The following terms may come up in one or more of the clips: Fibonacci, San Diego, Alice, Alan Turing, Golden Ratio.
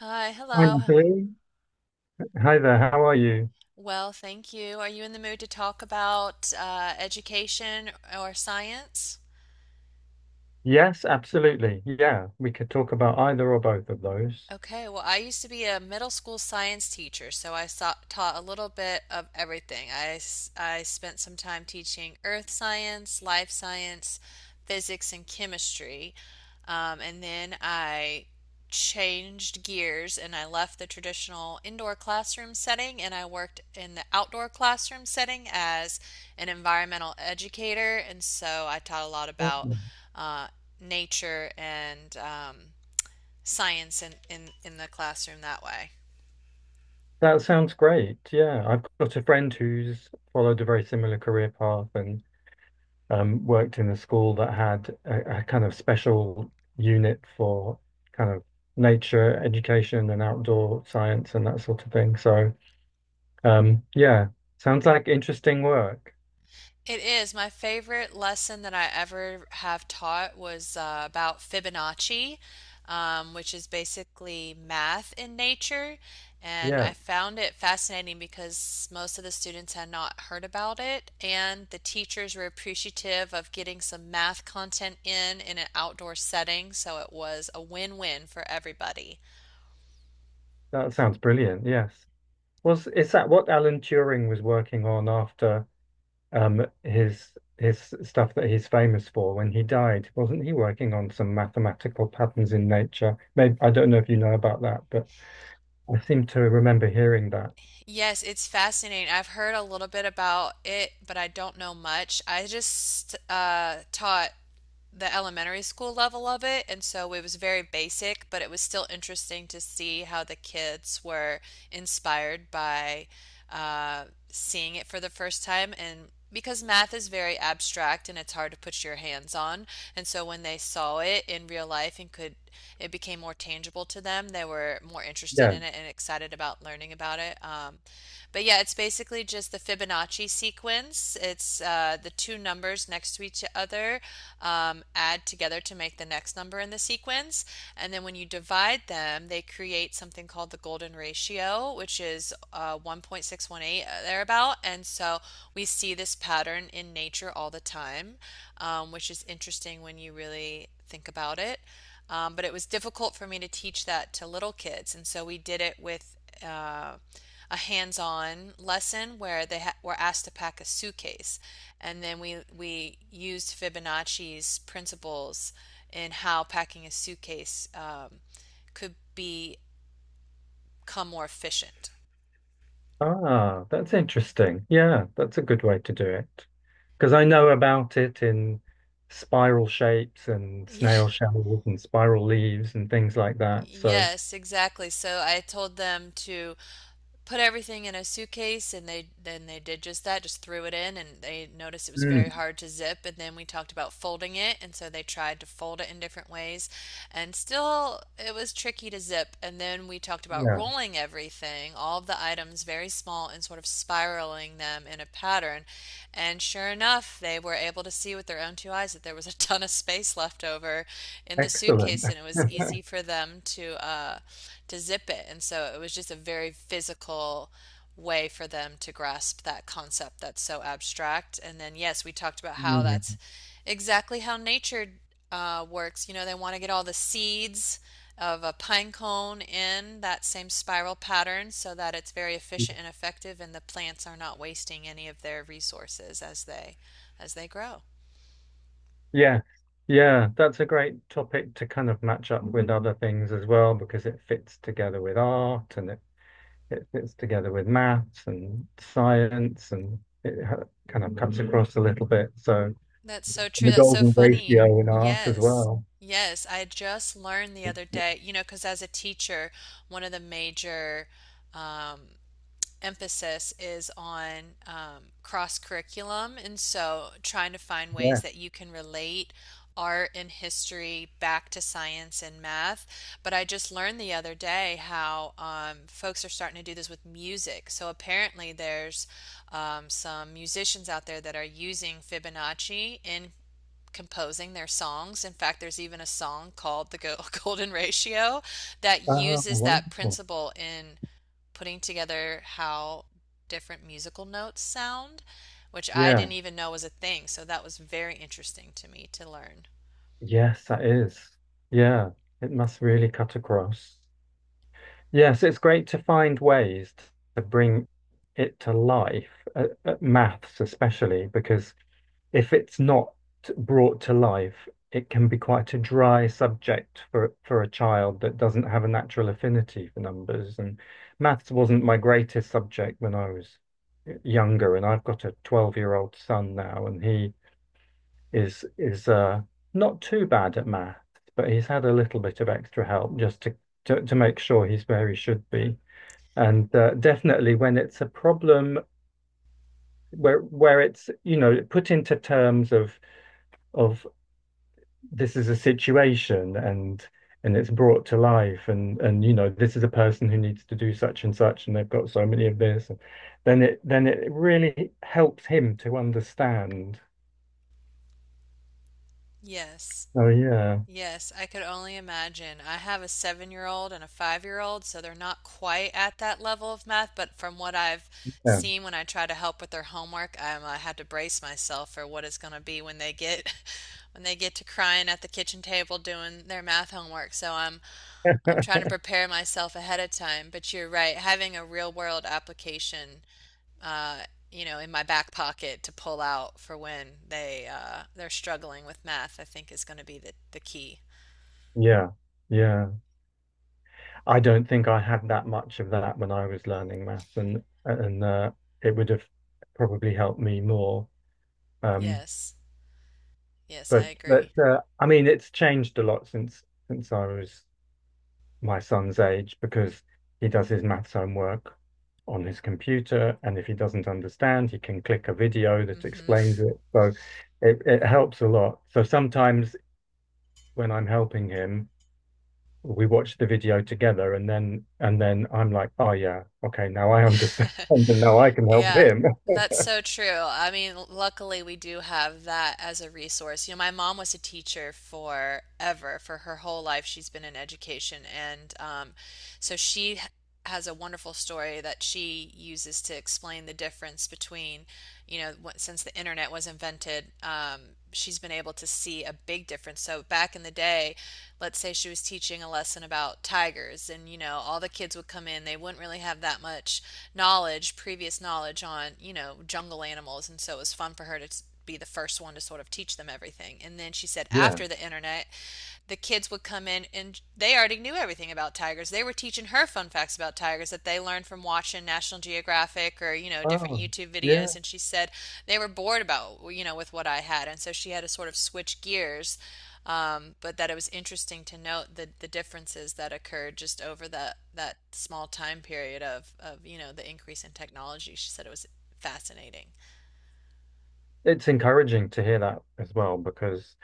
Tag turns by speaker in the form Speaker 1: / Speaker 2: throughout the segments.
Speaker 1: Hi,
Speaker 2: Hi,
Speaker 1: hello.
Speaker 2: Matthew. Hi there. How are you?
Speaker 1: Well, thank you. Are you in the mood to talk about education or science?
Speaker 2: Yes, absolutely. Yeah, we could talk about either or both of those.
Speaker 1: Okay, well, I used to be a middle school science teacher, so I saw, taught a little bit of everything. I spent some time teaching earth science, life science, physics, and chemistry. And then I changed gears and I left the traditional indoor classroom setting and I worked in the outdoor classroom setting as an environmental educator. And so I taught a lot
Speaker 2: Oh,
Speaker 1: about uh, nature and science in the classroom that way.
Speaker 2: that sounds great. Yeah, I've got a friend who's followed a very similar career path and worked in a school that had a kind of special unit for kind of nature education and outdoor science and that sort of thing. So, yeah, sounds like interesting work.
Speaker 1: It is. My favorite lesson that I ever have taught was about Fibonacci, which is basically math in nature. And
Speaker 2: Yeah,
Speaker 1: I found it fascinating because most of the students had not heard about it, and the teachers were appreciative of getting some math content in an outdoor setting, so it was a win-win for everybody.
Speaker 2: that sounds brilliant. Yes. Was is that what Alan Turing was working on after his stuff that he's famous for when he died? Wasn't he working on some mathematical patterns in nature? Maybe I don't know if you know about that, but I seem to remember hearing that.
Speaker 1: Yes, it's fascinating. I've heard a little bit about it, but I don't know much. I just taught the elementary school level of it, and so it was very basic, but it was still interesting to see how the kids were inspired by uh, seeing it for the first time. And because math is very abstract and it's hard to put your hands on, and so when they saw it in real life and could it became more tangible to them. They were more interested
Speaker 2: Yeah.
Speaker 1: in it and excited about learning about it. But yeah, it's basically just the Fibonacci sequence. It's the two numbers next to each other add together to make the next number in the sequence. And then when you divide them, they create something called the golden ratio, which is 1.618 thereabout. And so we see this pattern in nature all the time, which is interesting when you really think about it. But it was difficult for me to teach that to little kids, and so we did it with uh, a hands-on lesson where were asked to pack a suitcase, and then we used Fibonacci's principles in how packing a suitcase could be become more efficient.
Speaker 2: Ah, that's interesting. Yeah, that's a good way to do it. Because I know about it in spiral shapes and
Speaker 1: Yeah.
Speaker 2: snail shells and spiral leaves and things like that. So,
Speaker 1: Yes, exactly. So I told them to put everything in a suitcase and they then they did just that, just threw it in and they noticed it was very
Speaker 2: mm,
Speaker 1: hard to zip, and then we talked about folding it, and so they tried to fold it in different ways, and still it was tricky to zip, and then we talked about
Speaker 2: yeah,
Speaker 1: rolling everything, all of the items, very small and sort of spiraling them in a pattern, and sure enough they were able to see with their own two eyes that there was a ton of space left over in the suitcase
Speaker 2: excellent.
Speaker 1: suitcase and it was easy for them to zip it. And so it was just a very physical way for them to grasp that concept that's so abstract. And then, yes, we talked about how
Speaker 2: Mm.
Speaker 1: that's exactly how nature works. You know, they want to get all the seeds of a pine cone in that same spiral pattern so that it's very efficient and effective and the plants are not wasting any of their resources as they grow.
Speaker 2: Yeah, yeah, that's a great topic to kind of match up with other things as well because it fits together with art and it fits together with maths and science and it kind of cuts across a little bit. So and
Speaker 1: That's so true.
Speaker 2: the
Speaker 1: That's so
Speaker 2: golden
Speaker 1: funny.
Speaker 2: ratio in art as
Speaker 1: Yes.
Speaker 2: well.
Speaker 1: Yes. I just learned the other day, you know, because as a teacher, one of the major um, emphasis is on cross curriculum. And so trying to find ways
Speaker 2: Yeah.
Speaker 1: that you can relate art and history back to science and math. But I just learned the other day how folks are starting to do this with music. So apparently, there's some musicians out there that are using Fibonacci in composing their songs. In fact, there's even a song called The Golden Ratio that
Speaker 2: Ah,
Speaker 1: uses that
Speaker 2: wonderful.
Speaker 1: principle in putting together how different musical notes sound, which I
Speaker 2: Yeah.
Speaker 1: didn't even know was a thing. So that was very interesting to me to learn.
Speaker 2: Yes, that is. Yeah, it must really cut across. Yes, it's great to find ways to bring it to life, maths especially, because if it's not brought to life, it can be quite a dry subject for a child that doesn't have a natural affinity for numbers. And maths wasn't my greatest subject when I was younger, and I've got a 12-year-old son now, and he is not too bad at maths, but he's had a little bit of extra help just to make sure he's where he should be. And definitely when it's a problem where it's, you know, put into terms of this is a situation, and it's brought to life, and, you know, this is a person who needs to do such and such and they've got so many of this, and then it really helps him to understand.
Speaker 1: Yes.
Speaker 2: Oh, yeah.
Speaker 1: Yes, I could only imagine. I have a 7-year old and a 5-year old, so they're not quite at that level of math. But from what I've
Speaker 2: Yeah.
Speaker 1: seen when I try to help with their homework, I had to brace myself for what it's going to be when they get when they get to crying at the kitchen table doing their math homework. So I'm trying to prepare myself ahead of time, but you're right. Having a real world application, uh, you know, in my back pocket to pull out for when they're struggling with math, I think is going to be the key.
Speaker 2: Yeah. Yeah, I don't think I had that much of that when I was learning maths and it would have probably helped me more, um
Speaker 1: Yes, yes, I
Speaker 2: but
Speaker 1: agree.
Speaker 2: I mean it's changed a lot since I was my son's age because he does his maths homework on his computer, and if he doesn't understand, he can click a video that
Speaker 1: Hmm.
Speaker 2: explains it. So it helps a lot. So sometimes when I'm helping him, we watch the video together, and then I'm like, oh yeah, okay, now I understand, and now I can help
Speaker 1: Yeah,
Speaker 2: him.
Speaker 1: that's so true. I mean, luckily we do have that as a resource. You know, my mom was a teacher forever. For her whole life, she's been in education. And so she h- has a wonderful story that she uses to explain the difference between, you know, since the internet was invented, she's been able to see a big difference. So back in the day, let's say she was teaching a lesson about tigers, and you know, all the kids would come in, they wouldn't really have that much knowledge, previous knowledge on, you know, jungle animals, and so it was fun for her to be the first one to sort of teach them everything. And then she said
Speaker 2: Yeah.
Speaker 1: after the internet, the kids would come in and they already knew everything about tigers. They were teaching her fun facts about tigers that they learned from watching National Geographic or, you know, different
Speaker 2: Oh,
Speaker 1: YouTube
Speaker 2: yeah.
Speaker 1: videos. And she said they were bored about, you know, with what I had. And so she had to sort of switch gears. But that it was interesting to note the differences that occurred just over that small time period of, you know, the increase in technology. She said it was fascinating.
Speaker 2: It's encouraging to hear that as well because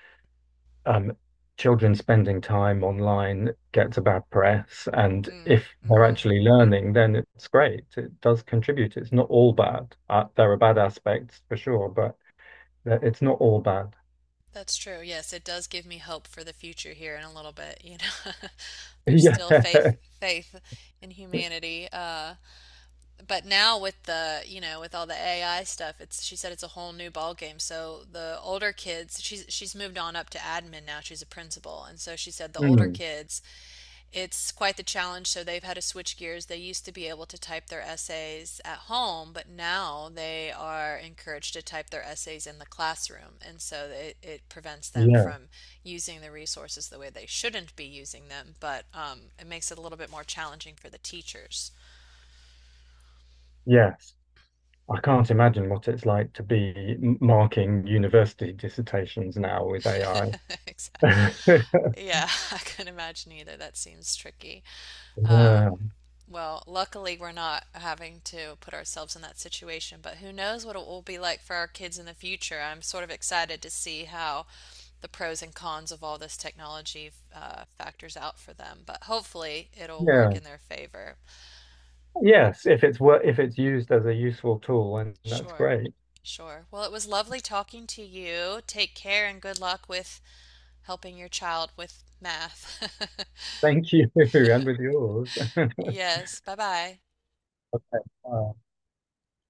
Speaker 2: um, children spending time online gets a bad press. And
Speaker 1: Mm,
Speaker 2: if they're
Speaker 1: mm-hmm.
Speaker 2: actually learning, then it's great. It does contribute. It's not all bad. There are bad aspects for sure, but it's not all bad.
Speaker 1: That's true. Yes, it does give me hope for the future here in a little bit, you know. There's still
Speaker 2: Yeah.
Speaker 1: faith in humanity. Uh, but now with the you know with all the AI stuff, it's she said it's a whole new ball game. So the older kids, she's moved on up to admin now. She's a principal, and so she said the older
Speaker 2: Mm.
Speaker 1: kids, it's quite the challenge. So they've had to switch gears. They used to be able to type their essays at home, but now they are encouraged to type their essays in the classroom, and so it prevents them
Speaker 2: Yeah.
Speaker 1: from using the resources the way they shouldn't be using them. But it makes it a little bit more challenging for the teachers.
Speaker 2: Yes. I can't imagine what it's like to be marking university dissertations now with
Speaker 1: Exactly.
Speaker 2: AI.
Speaker 1: Yeah, I can not imagine either. That seems tricky. Uh,
Speaker 2: Yeah.
Speaker 1: well, luckily, we're not having to put ourselves in that situation, but who knows what it will be like for our kids in the future. I'm sort of excited to see how the pros and cons of all this technology factors out for them, but hopefully it'll work
Speaker 2: Yeah.
Speaker 1: in their favor.
Speaker 2: Yes. If it's wor if it's used as a useful tool, and that's
Speaker 1: Sure,
Speaker 2: great.
Speaker 1: sure. Well, it was lovely talking to you. Take care and good luck with helping your child with math.
Speaker 2: Thank you. And with yours.
Speaker 1: Yes, bye bye.
Speaker 2: Okay.